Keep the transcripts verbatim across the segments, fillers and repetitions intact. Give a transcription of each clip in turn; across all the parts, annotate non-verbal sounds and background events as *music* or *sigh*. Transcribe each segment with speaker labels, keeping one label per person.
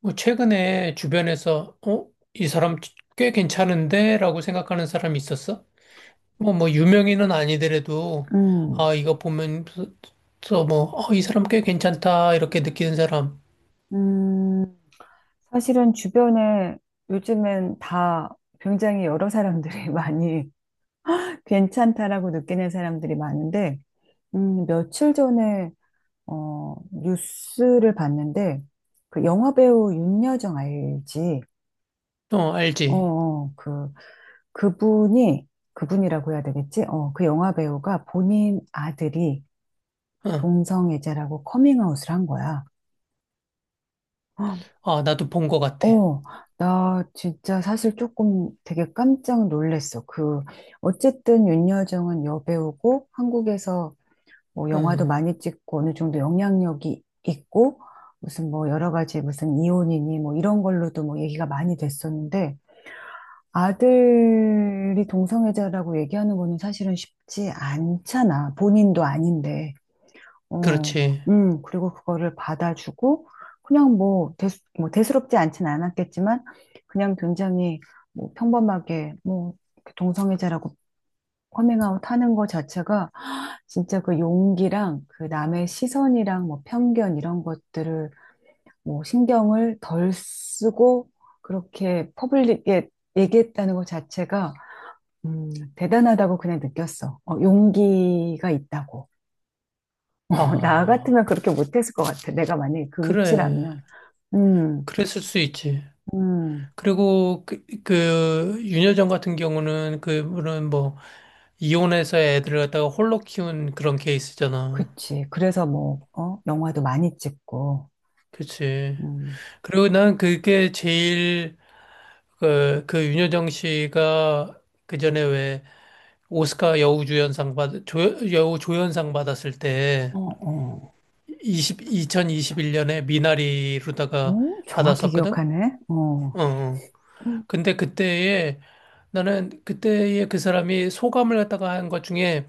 Speaker 1: 뭐 최근에 주변에서 어? 이 사람 꽤 괜찮은데? 라고 생각하는 사람이 있었어? 뭐, 뭐, 유명인은 아니더라도,
Speaker 2: 음,
Speaker 1: 아, 이거 보면, 서 뭐, 어, 이 사람 꽤 괜찮다, 이렇게 느끼는 사람,
Speaker 2: 음, 사실은 주변에 요즘엔 다 굉장히 여러 사람들이 *laughs* 많이 괜찮다라고 느끼는 사람들이 많은데, 음, 며칠 전에, 어, 뉴스를 봤는데, 그 영화배우 윤여정 알지?
Speaker 1: 어,
Speaker 2: 어,
Speaker 1: 알지?
Speaker 2: 어, 그, 그분이, 그분이라고 해야 되겠지? 어, 그 영화배우가 본인 아들이
Speaker 1: 어,
Speaker 2: 동성애자라고 커밍아웃을 한 거야.
Speaker 1: 아, 나도 본 것 같아.
Speaker 2: 어, 나 진짜 사실 조금 되게 깜짝 놀랐어. 그, 어쨌든 윤여정은 여배우고 한국에서 뭐 영화도
Speaker 1: 응,
Speaker 2: 많이 찍고 어느 정도 영향력이 있고 무슨 뭐 여러 가지 무슨 이혼이니 뭐 이런 걸로도 뭐 얘기가 많이 됐었는데 아들이 동성애자라고 얘기하는 거는 사실은 쉽지 않잖아. 본인도 아닌데. 어,
Speaker 1: 그렇지.
Speaker 2: 음, 그리고 그거를 받아주고, 그냥 뭐, 대수, 뭐, 대수롭지 않진 않았겠지만, 그냥 굉장히 뭐 평범하게, 뭐, 이렇게 동성애자라고 커밍아웃 하는 거 자체가, 진짜 그 용기랑 그 남의 시선이랑 뭐 편견 이런 것들을 뭐 신경을 덜 쓰고, 그렇게 퍼블릭에 얘기했다는 것 자체가, 음, 대단하다고 그냥 느꼈어. 어, 용기가 있다고. 나 같으면
Speaker 1: 아,
Speaker 2: 그렇게 못했을 것 같아. 내가 만약에 그
Speaker 1: 그래.
Speaker 2: 위치라면. 음,
Speaker 1: 그랬을 수 있지.
Speaker 2: 음,
Speaker 1: 그리고 그, 그 윤여정 같은 경우는 그분은 뭐 이혼해서 애들을 갖다가 홀로 키운 그런 케이스잖아.
Speaker 2: 그치. 그래서 뭐, 어, 영화도 많이 찍고,
Speaker 1: 그치.
Speaker 2: 음,
Speaker 1: 그리고 난 그게 제일 그, 그 윤여정 씨가 그 전에 왜 오스카 여우주연상 받, 조, 여우 조연상 받았을 때
Speaker 2: 어, 어,
Speaker 1: 이천, 이천이십일 년에 미나리로다가
Speaker 2: 오, 정확히
Speaker 1: 받았었거든?
Speaker 2: 기억하네. 어,
Speaker 1: 어. 어.
Speaker 2: 음,
Speaker 1: 근데 그때에 나는 그때에 그 사람이 소감을 갖다가 한 것 중에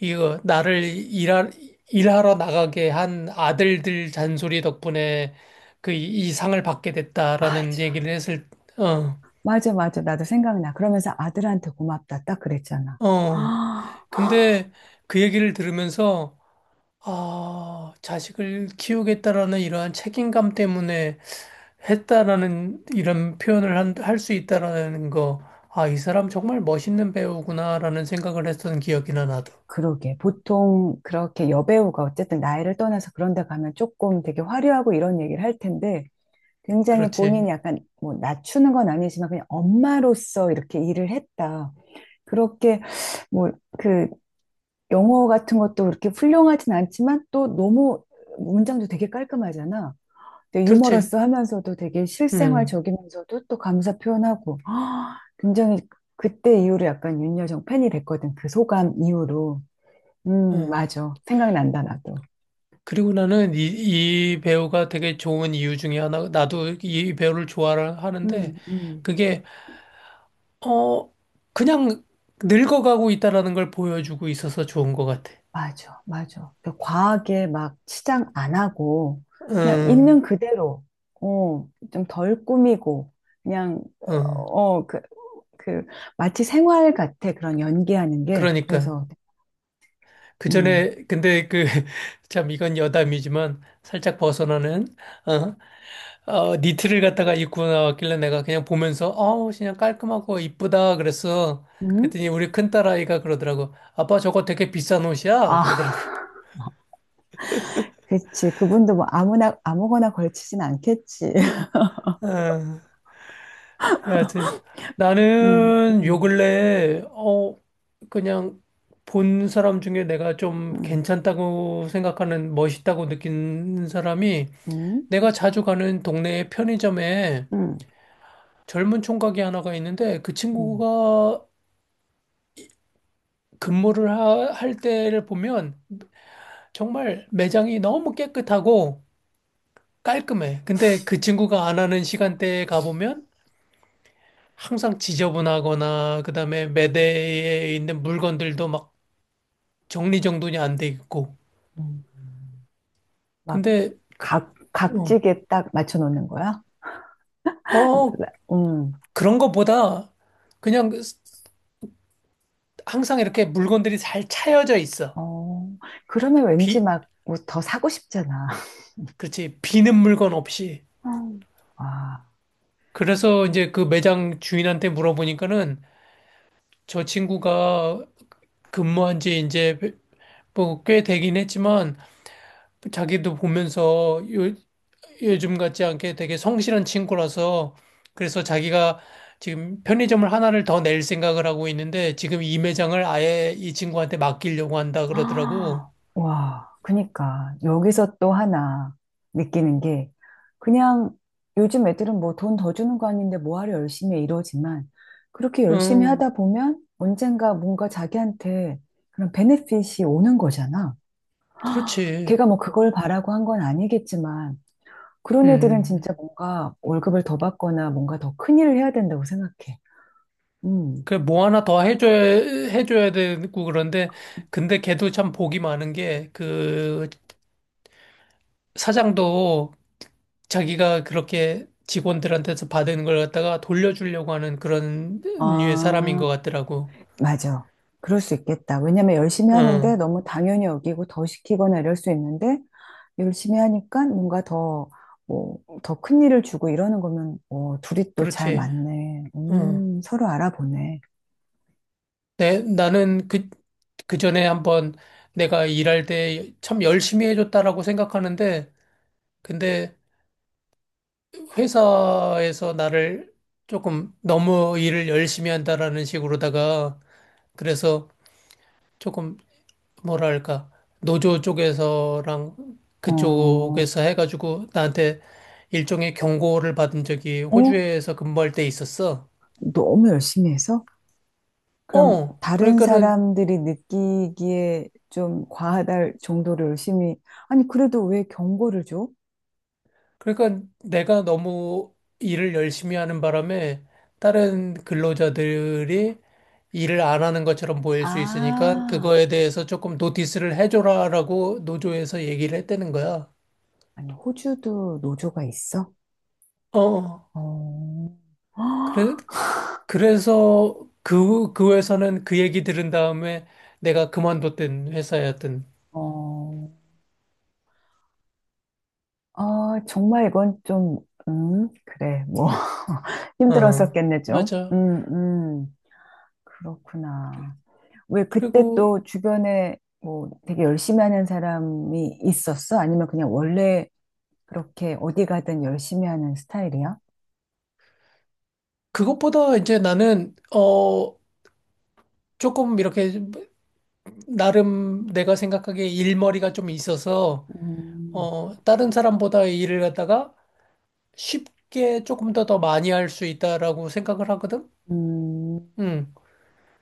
Speaker 1: 이거 나를 일하, 일하러 나가게 한 아들들 잔소리 덕분에 그 이 상을 받게 됐다라는
Speaker 2: 맞아.
Speaker 1: 얘기를 했을. 어,
Speaker 2: 맞아, 맞아. 나도 생각나. 그러면서 아들한테 고맙다. 딱 그랬잖아. *gasps*
Speaker 1: 어.
Speaker 2: 아,
Speaker 1: 근데 그 얘기를 들으면서 아, 자식을 키우겠다라는 이러한 책임감 때문에 했다라는 이런 표현을 할 수 있다라는 거. 아, 이 사람 정말 멋있는 배우구나라는 생각을 했던 기억이나 나도.
Speaker 2: 그러게. 보통 그렇게 여배우가 어쨌든 나이를 떠나서 그런 데 가면 조금 되게 화려하고 이런 얘기를 할 텐데, 굉장히
Speaker 1: 그렇지.
Speaker 2: 본인이 약간 뭐 낮추는 건 아니지만 그냥 엄마로서 이렇게 일을 했다. 그렇게 뭐 그 영어 같은 것도 그렇게 훌륭하진 않지만 또 너무 문장도 되게 깔끔하잖아. 근데
Speaker 1: 그렇지.
Speaker 2: 유머러스 하면서도 되게
Speaker 1: 음.
Speaker 2: 실생활적이면서도 또 감사 표현하고. *gasps* 아, 굉장히 그때 이후로 약간 윤여정 팬이 됐거든. 그 소감 이후로. 음,
Speaker 1: 음.
Speaker 2: 맞아. 생각난다, 나도.
Speaker 1: 그리고 나는 이, 이 배우가 되게 좋은 이유 중에 하나, 나도 이 배우를 좋아하는데,
Speaker 2: 음, 음.
Speaker 1: 그게, 어, 그냥 늙어가고 있다라는 걸 보여주고 있어서 좋은 것 같아.
Speaker 2: 맞아, 맞아. 그 과하게 막 치장 안 하고, 그냥 있는
Speaker 1: 응,
Speaker 2: 그대로, 어, 좀 덜 꾸미고, 그냥,
Speaker 1: 응.
Speaker 2: 어, 어, 그, 그, 마치 생활 같아, 그런 연기하는 게.
Speaker 1: 그러니까.
Speaker 2: 그래서,
Speaker 1: 그
Speaker 2: 음,
Speaker 1: 전에, 근데 그, *laughs* 참, 이건 여담이지만, 살짝 벗어나는, 어, 어, 니트를 갖다가 입고 나왔길래 내가 그냥 보면서, 어우, 그냥 깔끔하고 이쁘다, 그랬어.
Speaker 2: 음?
Speaker 1: 그랬더니 우리 큰딸아이가 그러더라고. 아빠 저거 되게 비싼 옷이야?
Speaker 2: 아, *laughs*
Speaker 1: 그러더라고.
Speaker 2: 그치. 그분도 뭐 아무나, 아무거나 걸치진 않겠지. *laughs*
Speaker 1: 아, 여하튼
Speaker 2: 음,
Speaker 1: 나는 요
Speaker 2: 음,
Speaker 1: 근래 어 그냥 본 사람 중에 내가 좀
Speaker 2: 음,
Speaker 1: 괜찮다고 생각하는 멋있다고 느낀 사람이,
Speaker 2: 음,
Speaker 1: 내가 자주 가는 동네의 편의점에
Speaker 2: 음,
Speaker 1: 젊은 총각이 하나가 있는데, 그
Speaker 2: 음,
Speaker 1: 친구가 근무를 하- 할 때를 보면 정말 매장이 너무 깨끗하고 깔끔해. 근데 그 친구가 안 하는 시간대에 가보면 항상 지저분하거나, 그다음에 매대에 있는 물건들도 막 정리정돈이 안 돼 있고.
Speaker 2: 음. 막
Speaker 1: 근데
Speaker 2: 각,
Speaker 1: 어,
Speaker 2: 각지게 딱 맞춰놓는 거야?
Speaker 1: 어
Speaker 2: 음.
Speaker 1: 그런 것보다 그냥 항상 이렇게 물건들이 잘 차여져 있어.
Speaker 2: 어, 그러면 왠지
Speaker 1: 비
Speaker 2: 막 뭐 더 사고 싶잖아.
Speaker 1: 그렇지, 비는 물건 없이.
Speaker 2: *laughs* 음. 와,
Speaker 1: 그래서 이제 그 매장 주인한테 물어보니까는 저 친구가 근무한 지 이제 뭐 꽤 되긴 했지만, 자기도 보면서 요 요즘 같지 않게 되게 성실한 친구라서, 그래서 자기가 지금 편의점을 하나를 더 낼 생각을 하고 있는데, 지금 이 매장을 아예 이 친구한테 맡기려고 한다
Speaker 2: *gasps* 아,
Speaker 1: 그러더라고.
Speaker 2: 와, 그니까 여기서 또 하나 느끼는 게 그냥 요즘 애들은 뭐 돈 더 주는 거 아닌데 뭐하러 열심히 해 이러지만 그렇게 열심히
Speaker 1: 음,
Speaker 2: 하다 보면 언젠가 뭔가 자기한테 그런 베네핏이 오는 거잖아.
Speaker 1: 그렇지.
Speaker 2: 걔가 뭐 그걸 바라고 한 건 아니겠지만 그런 애들은
Speaker 1: 음.
Speaker 2: 진짜 뭔가 월급을 더 받거나 뭔가 더 큰 일을 해야 된다고 생각해. 음.
Speaker 1: 그 뭐 하나 더 해줘야 해줘야 되고 그런데, 근데 걔도 참 복이 많은 게, 그 사장도 자기가 그렇게 직원들한테서 받은 걸 갖다가 돌려주려고 하는 그런 류의 사람인
Speaker 2: 아,
Speaker 1: 것 같더라고.
Speaker 2: 맞아. 그럴 수 있겠다. 왜냐면 열심히 하는데
Speaker 1: 응,
Speaker 2: 너무 당연히 여기고 더 시키거나 이럴 수 있는데 열심히 하니까 뭔가 더, 뭐, 더 큰 일을 주고 이러는 거면, 어, 둘이 또 잘
Speaker 1: 그렇지.
Speaker 2: 맞네.
Speaker 1: 응.
Speaker 2: 음, 서로 알아보네.
Speaker 1: 내, 나는 그, 그 전에 한번 내가 일할 때 참 열심히 해줬다라고 생각하는데, 근데 회사에서 나를 조금 너무 일을 열심히 한다라는 식으로다가, 그래서 조금 뭐랄까, 노조 쪽에서랑
Speaker 2: 어,
Speaker 1: 그쪽에서 해가지고 나한테 일종의 경고를 받은 적이
Speaker 2: 어?
Speaker 1: 호주에서 근무할 때 있었어.
Speaker 2: 너무 열심히 해서? 그럼
Speaker 1: 어,
Speaker 2: 다른
Speaker 1: 그러니까는
Speaker 2: 사람들이 느끼기에 좀 과하다 정도로 열심히, 아니, 그래도 왜 경고를 줘?
Speaker 1: 그러니까 내가 너무 일을 열심히 하는 바람에 다른 근로자들이 일을 안 하는 것처럼 보일 수 있으니까,
Speaker 2: 아,
Speaker 1: 그거에 대해서 조금 노티스를 해줘라라고 노조에서 얘기를 했다는 거야.
Speaker 2: 아니, 호주도 노조가 있어?
Speaker 1: 어,
Speaker 2: 어,
Speaker 1: 그래,
Speaker 2: 헉,
Speaker 1: 그래서 그, 그 회사는 그 얘기 들은 다음에 내가 그만뒀던 회사였던.
Speaker 2: 어, 아, 정말 이건 좀, 음, 그래, 뭐, *laughs*
Speaker 1: 어,
Speaker 2: 힘들었었겠네, 좀.
Speaker 1: 맞아.
Speaker 2: 음, 음, 그렇구나. 왜 그때
Speaker 1: 그리고
Speaker 2: 또 주변에 뭐 되게 열심히 하는 사람이 있었어? 아니면 그냥 원래 그렇게 어디 가든 열심히 하는 스타일이야?
Speaker 1: 그것보다 이제 나는, 어, 조금 이렇게 나름 내가 생각하기에 일머리가 좀 있어서,
Speaker 2: 음,
Speaker 1: 어, 다른 사람보다 일을 갖다가 쉽게 조금 더 더 많이 할 수 있다라고 생각을 하거든.
Speaker 2: 음,
Speaker 1: 음.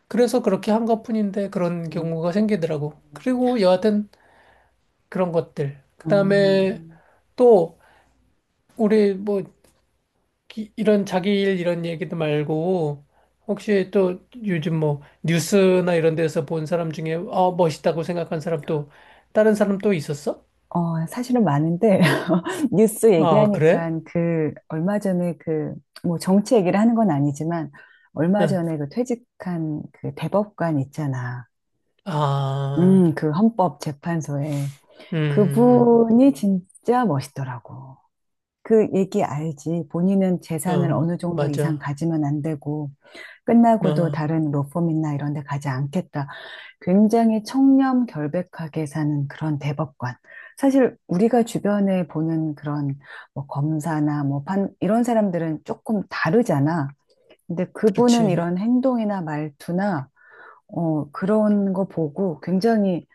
Speaker 1: 그래서 그렇게 한 것뿐인데 그런
Speaker 2: 음,
Speaker 1: 경우가 생기더라고.
Speaker 2: 음,
Speaker 1: 그리고 여하튼 그런 것들.
Speaker 2: 어.
Speaker 1: 그다음에 또 우리 뭐 기- 이런 자기 일 이런 얘기도 말고, 혹시 또 요즘 뭐 뉴스나 이런 데서 본 사람 중에 아 멋있다고 생각한 사람, 또 다른 사람 또 있었어?
Speaker 2: 어, 사실은 많은데, *laughs* 뉴스
Speaker 1: 아, 그래?
Speaker 2: 얘기하니까 그, 얼마 전에 그, 뭐 정치 얘기를 하는 건 아니지만, 얼마
Speaker 1: 응.
Speaker 2: 전에 그 퇴직한 그 대법관 있잖아. 음,
Speaker 1: 아,
Speaker 2: 그 헌법재판소에.
Speaker 1: 음, 음,
Speaker 2: 그분이 진짜 멋있더라고. 그 얘기 알지. 본인은
Speaker 1: 음.
Speaker 2: 재산을
Speaker 1: 어,
Speaker 2: 어느 정도 이상
Speaker 1: 맞아.
Speaker 2: 가지면 안 되고, 끝나고도
Speaker 1: 어,
Speaker 2: 다른 로펌이나 이런 데 가지 않겠다. 굉장히 청렴 결백하게 사는 그런 대법관. 사실 우리가 주변에 보는 그런 뭐 검사나 뭐 판, 이런 사람들은 조금 다르잖아. 근데 그분은
Speaker 1: 그렇지.
Speaker 2: 이런 행동이나 말투나, 어, 그런 거 보고 굉장히,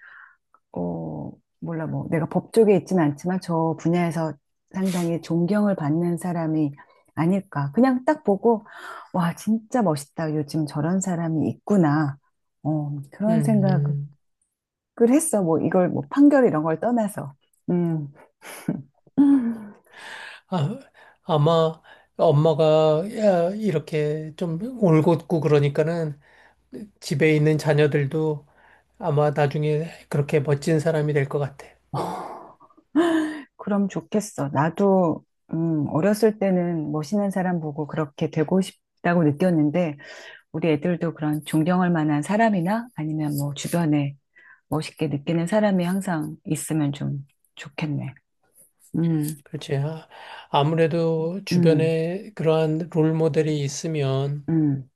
Speaker 2: 어, 몰라, 뭐 내가 법 쪽에 있진 않지만 저 분야에서 상당히 존경을 받는 사람이 아닐까. 그냥 딱 보고, 와, 진짜 멋있다. 요즘 저런 사람이 있구나. 어, 그런
Speaker 1: 음,
Speaker 2: 생각을
Speaker 1: 음.
Speaker 2: 그랬어. 뭐 이걸 뭐 판결 이런 걸 떠나서. 음. *laughs* 음,
Speaker 1: 아, 아마 엄마가 야, 이렇게 좀 올곧고 그러니까는 집에 있는 자녀들도 아마 나중에 그렇게 멋진 사람이 될 것 같아.
Speaker 2: 그럼 좋겠어. 나도 음, 어렸을 때는 멋있는 사람 보고 그렇게 되고 싶다고 느꼈는데 우리 애들도 그런 존경할 만한 사람이나 아니면 뭐 주변에 멋있게 느끼는 사람이 항상 있으면 좀 좋겠네. 음,
Speaker 1: 그렇지. 아, 아무래도
Speaker 2: 음,
Speaker 1: 주변에 그러한 롤 모델이 있으면,
Speaker 2: 음.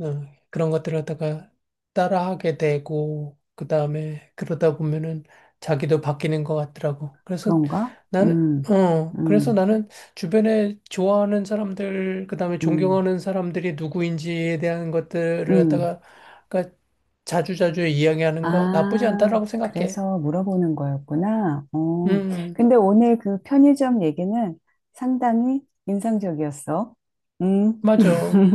Speaker 1: 어, 그런 것들을 갖다가 따라하게 되고, 그 다음에 그러다 보면은 자기도 바뀌는 것 같더라고. 그래서
Speaker 2: 그런가?
Speaker 1: 나는,
Speaker 2: 음,
Speaker 1: 어, 그래서
Speaker 2: 음,
Speaker 1: 나는 주변에 좋아하는 사람들, 그 다음에
Speaker 2: 음,
Speaker 1: 존경하는 사람들이 누구인지에 대한 것들을
Speaker 2: 음.
Speaker 1: 갖다가, 그러니까 자주자주 이야기하는 거 나쁘지
Speaker 2: 아,
Speaker 1: 않다라고 생각해.
Speaker 2: 그래서 물어보는 거였구나. 어,
Speaker 1: 음,
Speaker 2: 근데 오늘 그 편의점 얘기는 상당히 인상적이었어. 음.
Speaker 1: 맞아.